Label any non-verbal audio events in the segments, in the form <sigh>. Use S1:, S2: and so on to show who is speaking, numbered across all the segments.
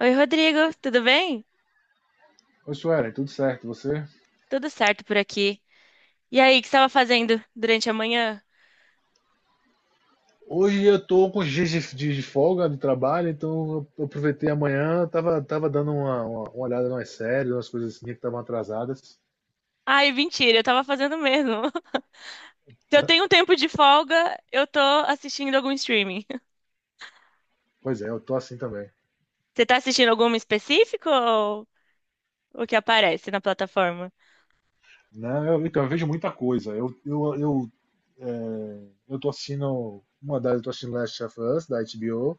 S1: Oi, Rodrigo, tudo bem?
S2: Oi, Suelen, tudo certo? E você?
S1: Tudo certo por aqui. E aí, o que você estava fazendo durante a manhã?
S2: Hoje eu tô com os dias de folga de trabalho, então eu aproveitei amanhã, tava dando uma olhada nas séries, umas coisas assim que estavam atrasadas.
S1: Ai, mentira, eu estava fazendo mesmo. <laughs> Se eu tenho um tempo de folga, eu tô assistindo algum streaming. <laughs>
S2: Pois é, eu tô assim também.
S1: Você tá assistindo algum específico ou o que aparece na plataforma?
S2: Não, eu, então, eu vejo muita coisa. Eu tô assistindo, eu tô assistindo Last of Us, da HBO.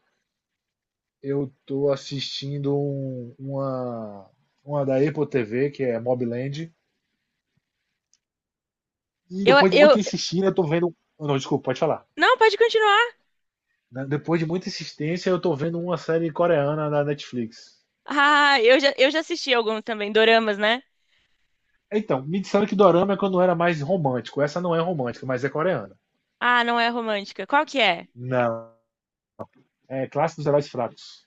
S2: Eu tô assistindo uma da Apple TV, que é Mob Land. E
S1: Eu,
S2: depois de
S1: eu...
S2: muito insistir, eu tô vendo. Não, desculpa, pode falar.
S1: Não, pode continuar.
S2: Né? Depois de muita insistência, eu tô vendo uma série coreana na Netflix.
S1: Ah, eu já assisti alguns também, doramas, né?
S2: Então, me disseram que dorama é quando era mais romântico. Essa não é romântica, mas é coreana.
S1: Ah, não é romântica. Qual que é?
S2: Não. É clássico dos heróis fracos.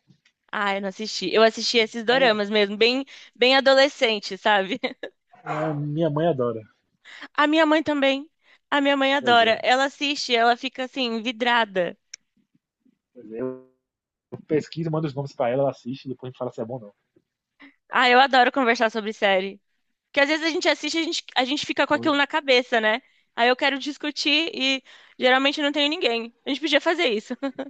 S1: Ah, eu não assisti. Eu assisti esses
S2: É,
S1: doramas mesmo, bem adolescente, sabe?
S2: é, minha mãe adora.
S1: A minha mãe também. A minha mãe
S2: Pois é.
S1: adora. Ela assiste, ela fica assim, vidrada.
S2: Pois é. Eu pesquiso, mando os nomes pra ela, ela assiste, depois a gente fala se é bom ou não.
S1: Ah, eu adoro conversar sobre série. Porque às vezes a gente assiste, a gente fica com
S2: Po-
S1: aquilo na cabeça, né? Aí eu quero discutir e geralmente não tenho ninguém. A gente podia fazer isso. <laughs>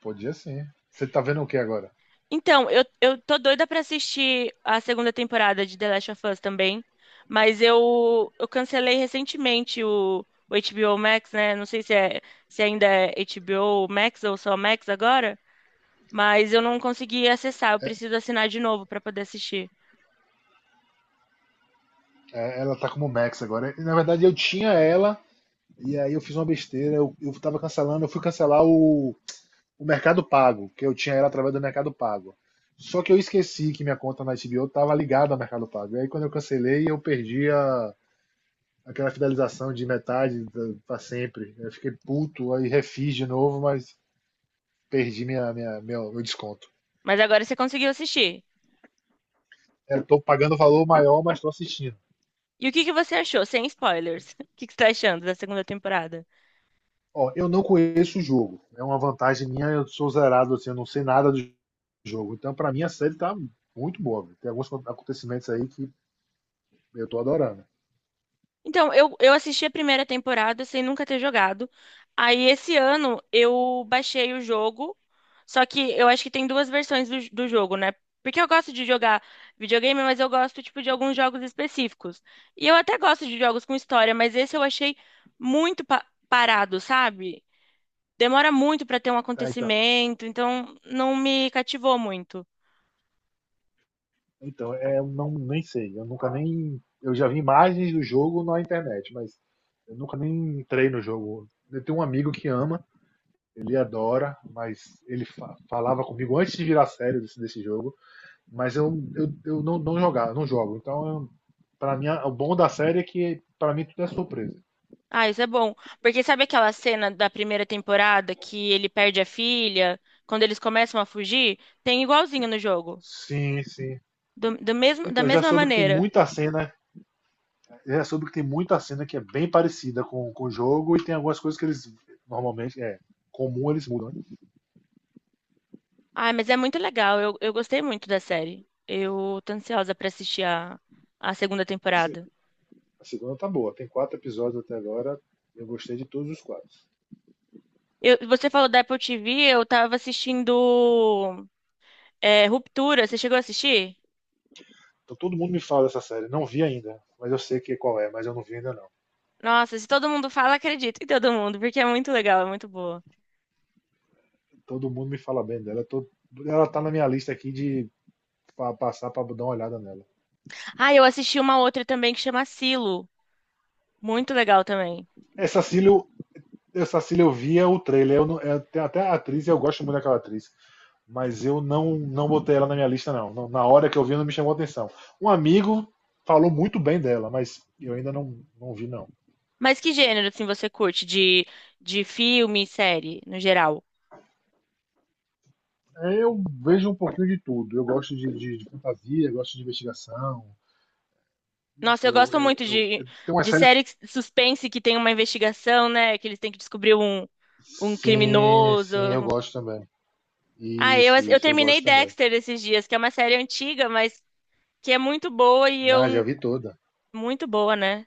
S2: Podia sim. Você tá vendo o que agora?
S1: Então, eu tô doida pra assistir a segunda temporada de The Last of Us também. Mas eu cancelei recentemente o HBO Max, né? Não sei se, é, se ainda é HBO Max ou só Max agora. Mas eu não consegui acessar, eu preciso assinar de novo para poder assistir.
S2: É, ela tá como Max agora. Na verdade, eu tinha ela, e aí eu fiz uma besteira. Eu tava cancelando, eu fui cancelar o Mercado Pago, que eu tinha ela através do Mercado Pago. Só que eu esqueci que minha conta na HBO estava ligada ao Mercado Pago. E aí quando eu cancelei, eu perdi a, aquela fidelização de metade para sempre. Eu fiquei puto, aí refiz de novo, mas perdi meu desconto.
S1: Mas agora você conseguiu assistir.
S2: Eu tô pagando o valor maior, mas tô assistindo.
S1: E o que que você achou? Sem spoilers. <laughs> O que que você tá achando da segunda temporada?
S2: Ó, eu não conheço o jogo. É uma vantagem minha, eu sou zerado, assim, eu não sei nada do jogo. Então, para mim, a série tá muito boa. Viu? Tem alguns acontecimentos aí que eu tô adorando.
S1: Então, eu assisti a primeira temporada sem nunca ter jogado. Aí, esse ano, eu baixei o jogo. Só que eu acho que tem duas versões do jogo, né? Porque eu gosto de jogar videogame, mas eu gosto, tipo, de alguns jogos específicos. E eu até gosto de jogos com história, mas esse eu achei muito parado, sabe? Demora muito para ter um
S2: Tá, então,
S1: acontecimento, então não me cativou muito.
S2: então, é, eu não, nem sei. Eu nunca nem. Eu já vi imagens do jogo na internet, mas eu nunca nem entrei no jogo. Eu tenho um amigo que ama, ele adora, mas ele falava comigo antes de virar sério desse jogo, mas eu não, não jogar, não jogo. Então, eu, pra mim, o bom da série é que pra mim tudo é surpresa.
S1: Ah, isso é bom. Porque sabe aquela cena da primeira temporada que ele perde a filha, quando eles começam a fugir? Tem igualzinho no jogo.
S2: Sim, sim.
S1: Do mesmo, da
S2: Então, eu já
S1: mesma
S2: soube que tem
S1: maneira.
S2: muita cena, eu já soube que tem muita cena que é bem parecida com o jogo e tem algumas coisas que eles normalmente é comum eles mudam.
S1: Ah, mas é muito legal. Eu gostei muito da série. Eu tô ansiosa pra assistir a segunda
S2: Né?
S1: temporada.
S2: A segunda tá boa. Tem quatro episódios até agora. Eu gostei de todos os quatro.
S1: Você falou da Apple TV, eu tava assistindo Ruptura. Você chegou a assistir?
S2: Então todo mundo me fala dessa série. Não vi ainda, mas eu sei que qual é, mas eu não vi ainda não.
S1: Nossa, se todo mundo fala, acredito em todo mundo, porque é muito legal, é muito boa.
S2: Todo mundo me fala bem dela. Tô... Ela tá na minha lista aqui de pra passar pra dar uma olhada nela.
S1: Ah, eu assisti uma outra também que chama Silo. Muito legal também.
S2: Essa Cílio, essa Cílio eu via o trailer. Eu não... eu tenho até a atriz, eu gosto muito daquela atriz. Mas eu não, não botei ela na minha lista, não. Não. Na hora que eu vi, não me chamou atenção. Um amigo falou muito bem dela, mas eu ainda não, não vi, não.
S1: Mas que gênero, assim, você curte de filme, série, no geral?
S2: É, eu vejo um pouquinho de tudo. Eu gosto de fantasia, eu gosto de investigação.
S1: Nossa,
S2: Enfim,
S1: eu
S2: eu,
S1: gosto
S2: eu,
S1: muito
S2: eu, eu tenho uma
S1: de
S2: série.
S1: série suspense que tem uma investigação, né? Que eles têm que descobrir um, um
S2: Sim,
S1: criminoso.
S2: sim, eu gosto também.
S1: Ah, eu,
S2: Isso,
S1: eu
S2: isso, eu
S1: terminei
S2: gosto também.
S1: Dexter esses dias, que é uma série antiga, mas que é muito boa e
S2: Ah, já
S1: eu...
S2: vi toda.
S1: Muito boa, né?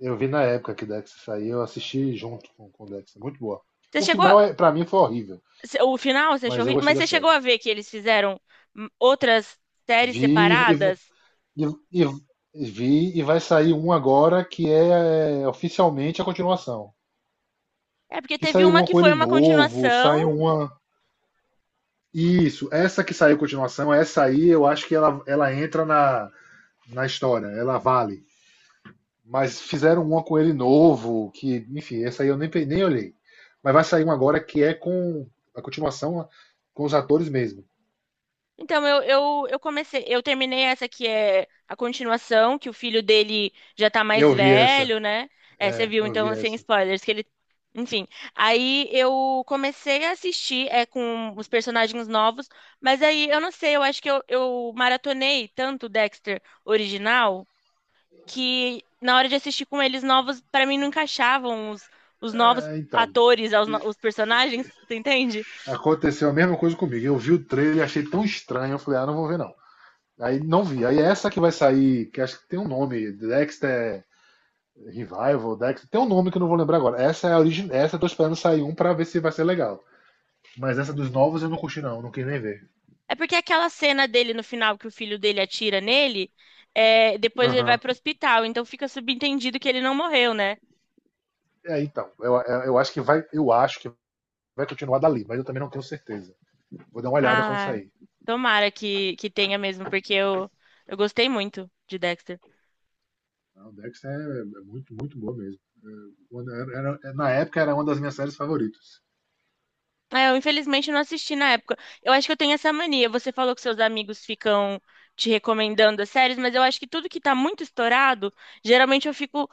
S2: Eu vi na época que Dex saiu, eu assisti junto com Dex. É muito boa.
S1: Você
S2: O
S1: chegou,
S2: final, é, pra mim, foi horrível,
S1: o final você achou
S2: mas eu
S1: horrível?
S2: gostei
S1: Mas
S2: da
S1: você chegou
S2: série.
S1: a ver que eles fizeram outras séries
S2: Vi e, v-
S1: separadas?
S2: e, e, e vi e vai sair um agora que é, é, oficialmente a continuação.
S1: É porque
S2: Que
S1: teve
S2: saiu
S1: uma
S2: uma
S1: que
S2: com
S1: foi
S2: ele
S1: uma
S2: novo,
S1: continuação.
S2: saiu uma. Isso, essa que saiu continuação, essa aí eu acho que ela entra na, na história, ela vale. Mas fizeram uma com ele novo, que, enfim, essa aí eu nem, nem olhei. Mas vai sair uma agora que é com a continuação com os atores mesmo.
S1: Então eu comecei, eu terminei essa que é a continuação, que o filho dele já tá mais
S2: Eu vi essa,
S1: velho, né? É, você viu,
S2: eu vi
S1: então, sem
S2: essa.
S1: spoilers, que ele. Enfim. Aí eu comecei a assistir com os personagens novos, mas aí eu não sei, eu acho que eu maratonei tanto o Dexter original, que na hora de assistir com eles novos, pra mim não encaixavam os novos
S2: É, então,
S1: atores, aos personagens, <laughs> você entende?
S2: aconteceu a mesma coisa comigo. Eu vi o trailer e achei tão estranho, eu falei, ah, não vou ver não. Aí não vi. Aí é essa que vai sair, que acho que tem um nome, Dexter Revival, Dex, tem um nome que eu não vou lembrar agora. Essa é a origem, essa eu tô esperando sair um pra ver se vai ser legal. Mas essa dos novos eu não curti não, não quis nem ver.
S1: É porque aquela cena dele no final que o filho dele atira nele, é, depois ele
S2: Aham.
S1: vai pro
S2: Uhum.
S1: hospital, então fica subentendido que ele não morreu, né?
S2: É, então, acho que vai, eu acho que vai continuar dali, mas eu também não tenho certeza. Vou dar uma olhada quando
S1: Ah,
S2: sair.
S1: tomara que tenha mesmo, porque eu gostei muito de Dexter.
S2: O Dex é, é muito, muito boa mesmo. Na época era uma das minhas séries favoritas.
S1: É, eu infelizmente não assisti na época. Eu acho que eu tenho essa mania. Você falou que seus amigos ficam te recomendando as séries, mas eu acho que tudo que tá muito estourado, geralmente eu fico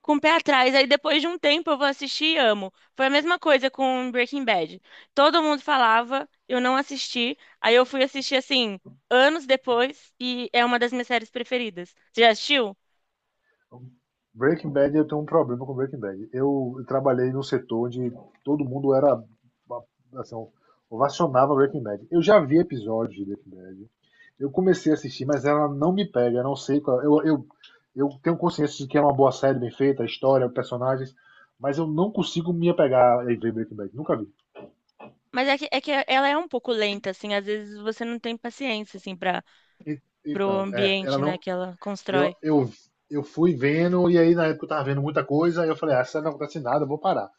S1: com o pé atrás. Aí depois de um tempo eu vou assistir e amo. Foi a mesma coisa com Breaking Bad. Todo mundo falava, eu não assisti. Aí eu fui assistir assim, anos depois, e é uma das minhas séries preferidas. Você já assistiu?
S2: Breaking Bad, eu tenho um problema com Breaking Bad. Eu trabalhei num setor onde todo mundo era, assim, ovacionava Breaking Bad. Eu já vi episódios de Breaking Bad. Eu comecei a assistir, mas ela não me pega. Eu não sei qual. Eu tenho consciência de que é uma boa série bem feita, a história, os personagens, mas eu não consigo me apegar e ver Breaking Bad. Nunca vi.
S1: Mas é que ela é um pouco lenta, assim, às vezes você não tem paciência, assim, para pro
S2: Então, é, ela
S1: ambiente, né,
S2: não.
S1: que ela
S2: Eu,
S1: constrói.
S2: eu, eu fui vendo, e aí na época eu tava vendo muita coisa, e eu falei, ah, essa série não acontece nada, eu vou parar.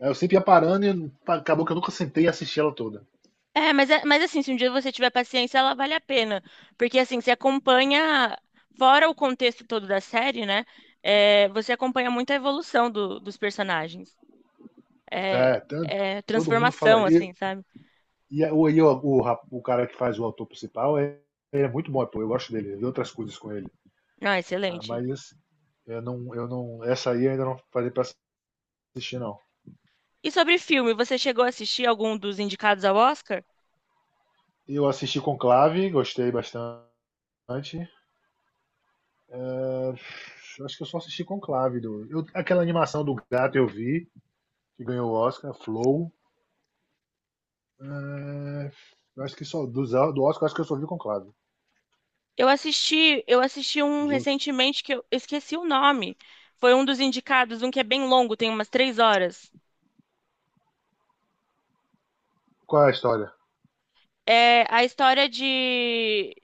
S2: Aí eu sempre ia parando e acabou que eu nunca sentei e assisti ela toda.
S1: É, mas, mas assim, se um dia você tiver paciência, ela vale a pena. Porque assim, você acompanha, fora o contexto todo da série, né? É, você acompanha muito a evolução dos personagens. É,
S2: É, tan-
S1: é
S2: todo mundo
S1: transformação,
S2: fala.
S1: assim,
S2: Eu,
S1: sabe?
S2: e a- o, e o, o, rap- o cara que faz o autor principal é, ele é muito bom, ator, eu gosto dele, eu vi outras coisas com ele.
S1: Não,
S2: Ah,
S1: excelente.
S2: Eu não, essa aí eu ainda não falei pra assistir, não.
S1: E sobre filme, você chegou a assistir algum dos indicados ao Oscar?
S2: Eu assisti Conclave, gostei bastante. É, acho que eu só assisti Conclave. Aquela animação do gato eu vi, que ganhou o Oscar, Flow. É, eu acho que só, dos, do Oscar, eu acho que eu só vi Conclave.
S1: Eu assisti um
S2: Dos.
S1: recentemente que eu esqueci o nome. Foi um dos indicados, um que é bem longo, tem umas três horas.
S2: Qual é a história?
S1: É a história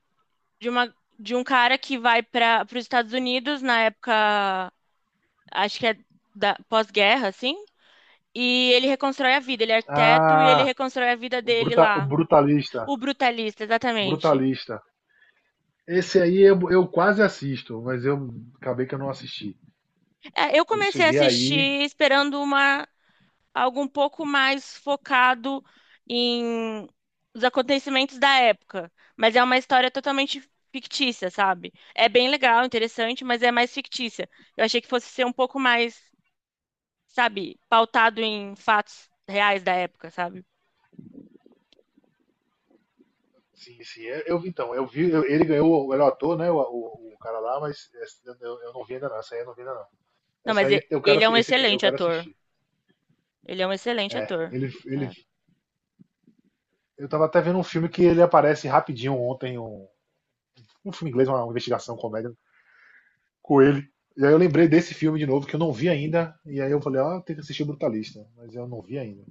S1: de uma de um cara que vai para os Estados Unidos na época, acho que é da pós-guerra, assim, e ele reconstrói a vida, ele é arquiteto e
S2: Ah,
S1: ele reconstrói a vida dele
S2: o
S1: lá.
S2: Brutalista.
S1: O Brutalista, exatamente.
S2: Brutalista. Esse aí eu quase assisto, mas eu acabei que eu não assisti.
S1: É, eu
S2: Eu
S1: comecei a
S2: cheguei aí.
S1: assistir esperando uma algo um pouco mais focado em os acontecimentos da época, mas é uma história totalmente fictícia, sabe? É bem legal, interessante, mas é mais fictícia. Eu achei que fosse ser um pouco mais sabe, pautado em fatos reais da época, sabe?
S2: Sim, sim. Eu vi. Ele ganhou o melhor ator, né? O cara lá, mas essa eu não vi ainda não. Essa aí eu não vi ainda não.
S1: Não,
S2: Essa
S1: mas
S2: aí eu quero,
S1: ele é um
S2: esse eu
S1: excelente
S2: quero
S1: ator.
S2: assistir.
S1: Ele é um excelente ator.
S2: Ele, ele,
S1: É,
S2: eu tava até vendo um filme que ele aparece rapidinho ontem, um filme inglês, uma investigação, comédia, com ele. E aí eu lembrei desse filme de novo, que eu não vi ainda. E aí eu falei, ah, tem que assistir o Brutalista. Mas eu não vi ainda.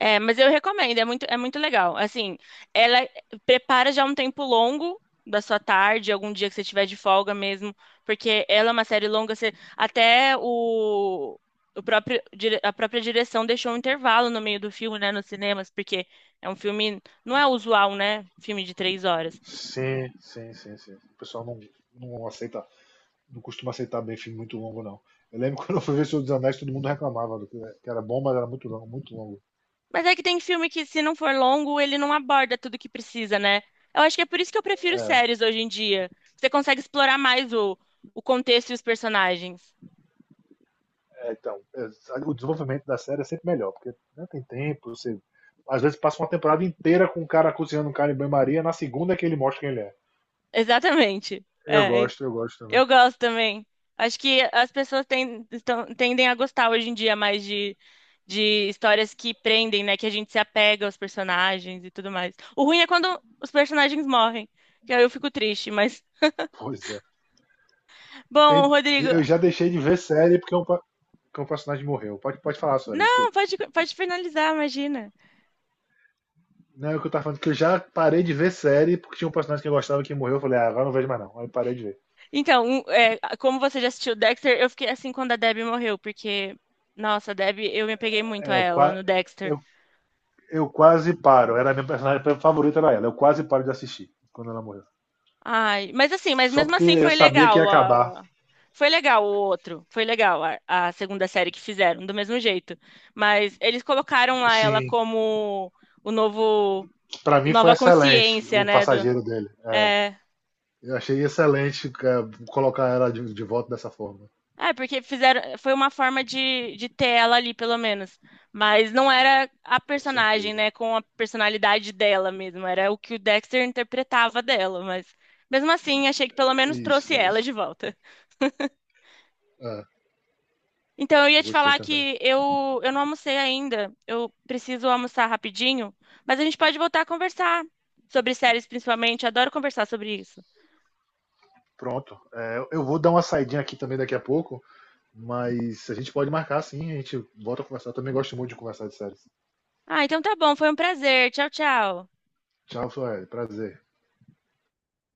S1: Mas eu recomendo, é muito legal. Assim, ela prepara já um tempo longo da sua tarde, algum dia que você tiver de folga mesmo, porque ela é uma série longa, você, até o próprio, a própria direção deixou um intervalo no meio do filme, né, nos cinemas, porque é um filme, não é usual, né, filme de três horas.
S2: Sim, sim, sim, sim. O pessoal não, não aceita, não costuma aceitar bem filme muito longo, não. Eu lembro <laughs> quando eu fui ver o Senhor dos Anéis, todo mundo reclamava do que era bom, mas era muito longo, muito longo.
S1: Mas é que tem filme que, se não for longo, ele não aborda tudo que precisa, né? Eu acho que é por isso que eu prefiro
S2: É,
S1: séries hoje em dia. Você consegue explorar mais o contexto e os personagens.
S2: é, então, é, o desenvolvimento da série é sempre melhor, porque não tem tempo, você. Às vezes passa uma temporada inteira com o cara cozinhando um cara em banho-maria, na segunda é que ele mostra quem ele é.
S1: Exatamente. É,
S2: Eu gosto também.
S1: eu gosto também. Acho que as pessoas tendem a gostar hoje em dia mais de histórias que prendem, né? Que a gente se apega aos personagens e tudo mais. O ruim é quando os personagens morrem, que aí eu fico triste, mas.
S2: Pois é.
S1: Bom,
S2: Tem-
S1: Rodrigo.
S2: eu já deixei de ver série porque um, porque um personagem morreu. Pode, pode falar, senhora,
S1: Não,
S2: desculpe.
S1: pode finalizar, imagina.
S2: Não, é o que eu tava falando, que eu já parei de ver série porque tinha um personagem que eu gostava que morreu. Eu falei, ah, agora não vejo mais não. Aí eu parei de ver.
S1: Então, é, como você já assistiu Dexter, eu fiquei assim quando a Debbie morreu, porque, nossa, a Debbie, eu me apeguei muito a
S2: É, eu,
S1: ela
S2: qua-
S1: no Dexter.
S2: eu- eu quase paro. Era a minha personagem favorita, era ela. Eu quase paro de assistir quando ela morreu.
S1: Ai, mas assim, mas
S2: Só
S1: mesmo
S2: porque
S1: assim
S2: eu
S1: foi
S2: sabia que ia
S1: legal
S2: acabar.
S1: a... Foi legal o outro, foi legal a segunda série que fizeram, do mesmo jeito. Mas eles colocaram lá ela
S2: Sim,
S1: como o novo,
S2: pra mim foi
S1: nova
S2: excelente
S1: consciência,
S2: o
S1: né, do...
S2: passageiro dele.
S1: É,
S2: Eu achei excelente cara, colocar ela de volta dessa forma.
S1: Porque fizeram, foi uma forma de ter ela ali, pelo menos. Mas não era a
S2: Com
S1: personagem,
S2: certeza.
S1: né, com a personalidade dela mesmo, era o que o Dexter interpretava dela, mas mesmo assim, achei que pelo menos trouxe
S2: Isso,
S1: ela de
S2: isso.
S1: volta.
S2: É,
S1: Então eu ia
S2: eu
S1: te
S2: gostei
S1: falar
S2: também.
S1: que eu não almocei ainda, eu preciso almoçar rapidinho, mas a gente pode voltar a conversar sobre séries principalmente, adoro conversar sobre isso.
S2: Pronto. É, eu vou dar uma saidinha aqui também daqui a pouco, mas a gente pode marcar sim, a gente volta a conversar. Eu também gosto muito de conversar de séries.
S1: Ah, então tá bom, foi um prazer. Tchau, tchau.
S2: Tchau, Sueli. Prazer.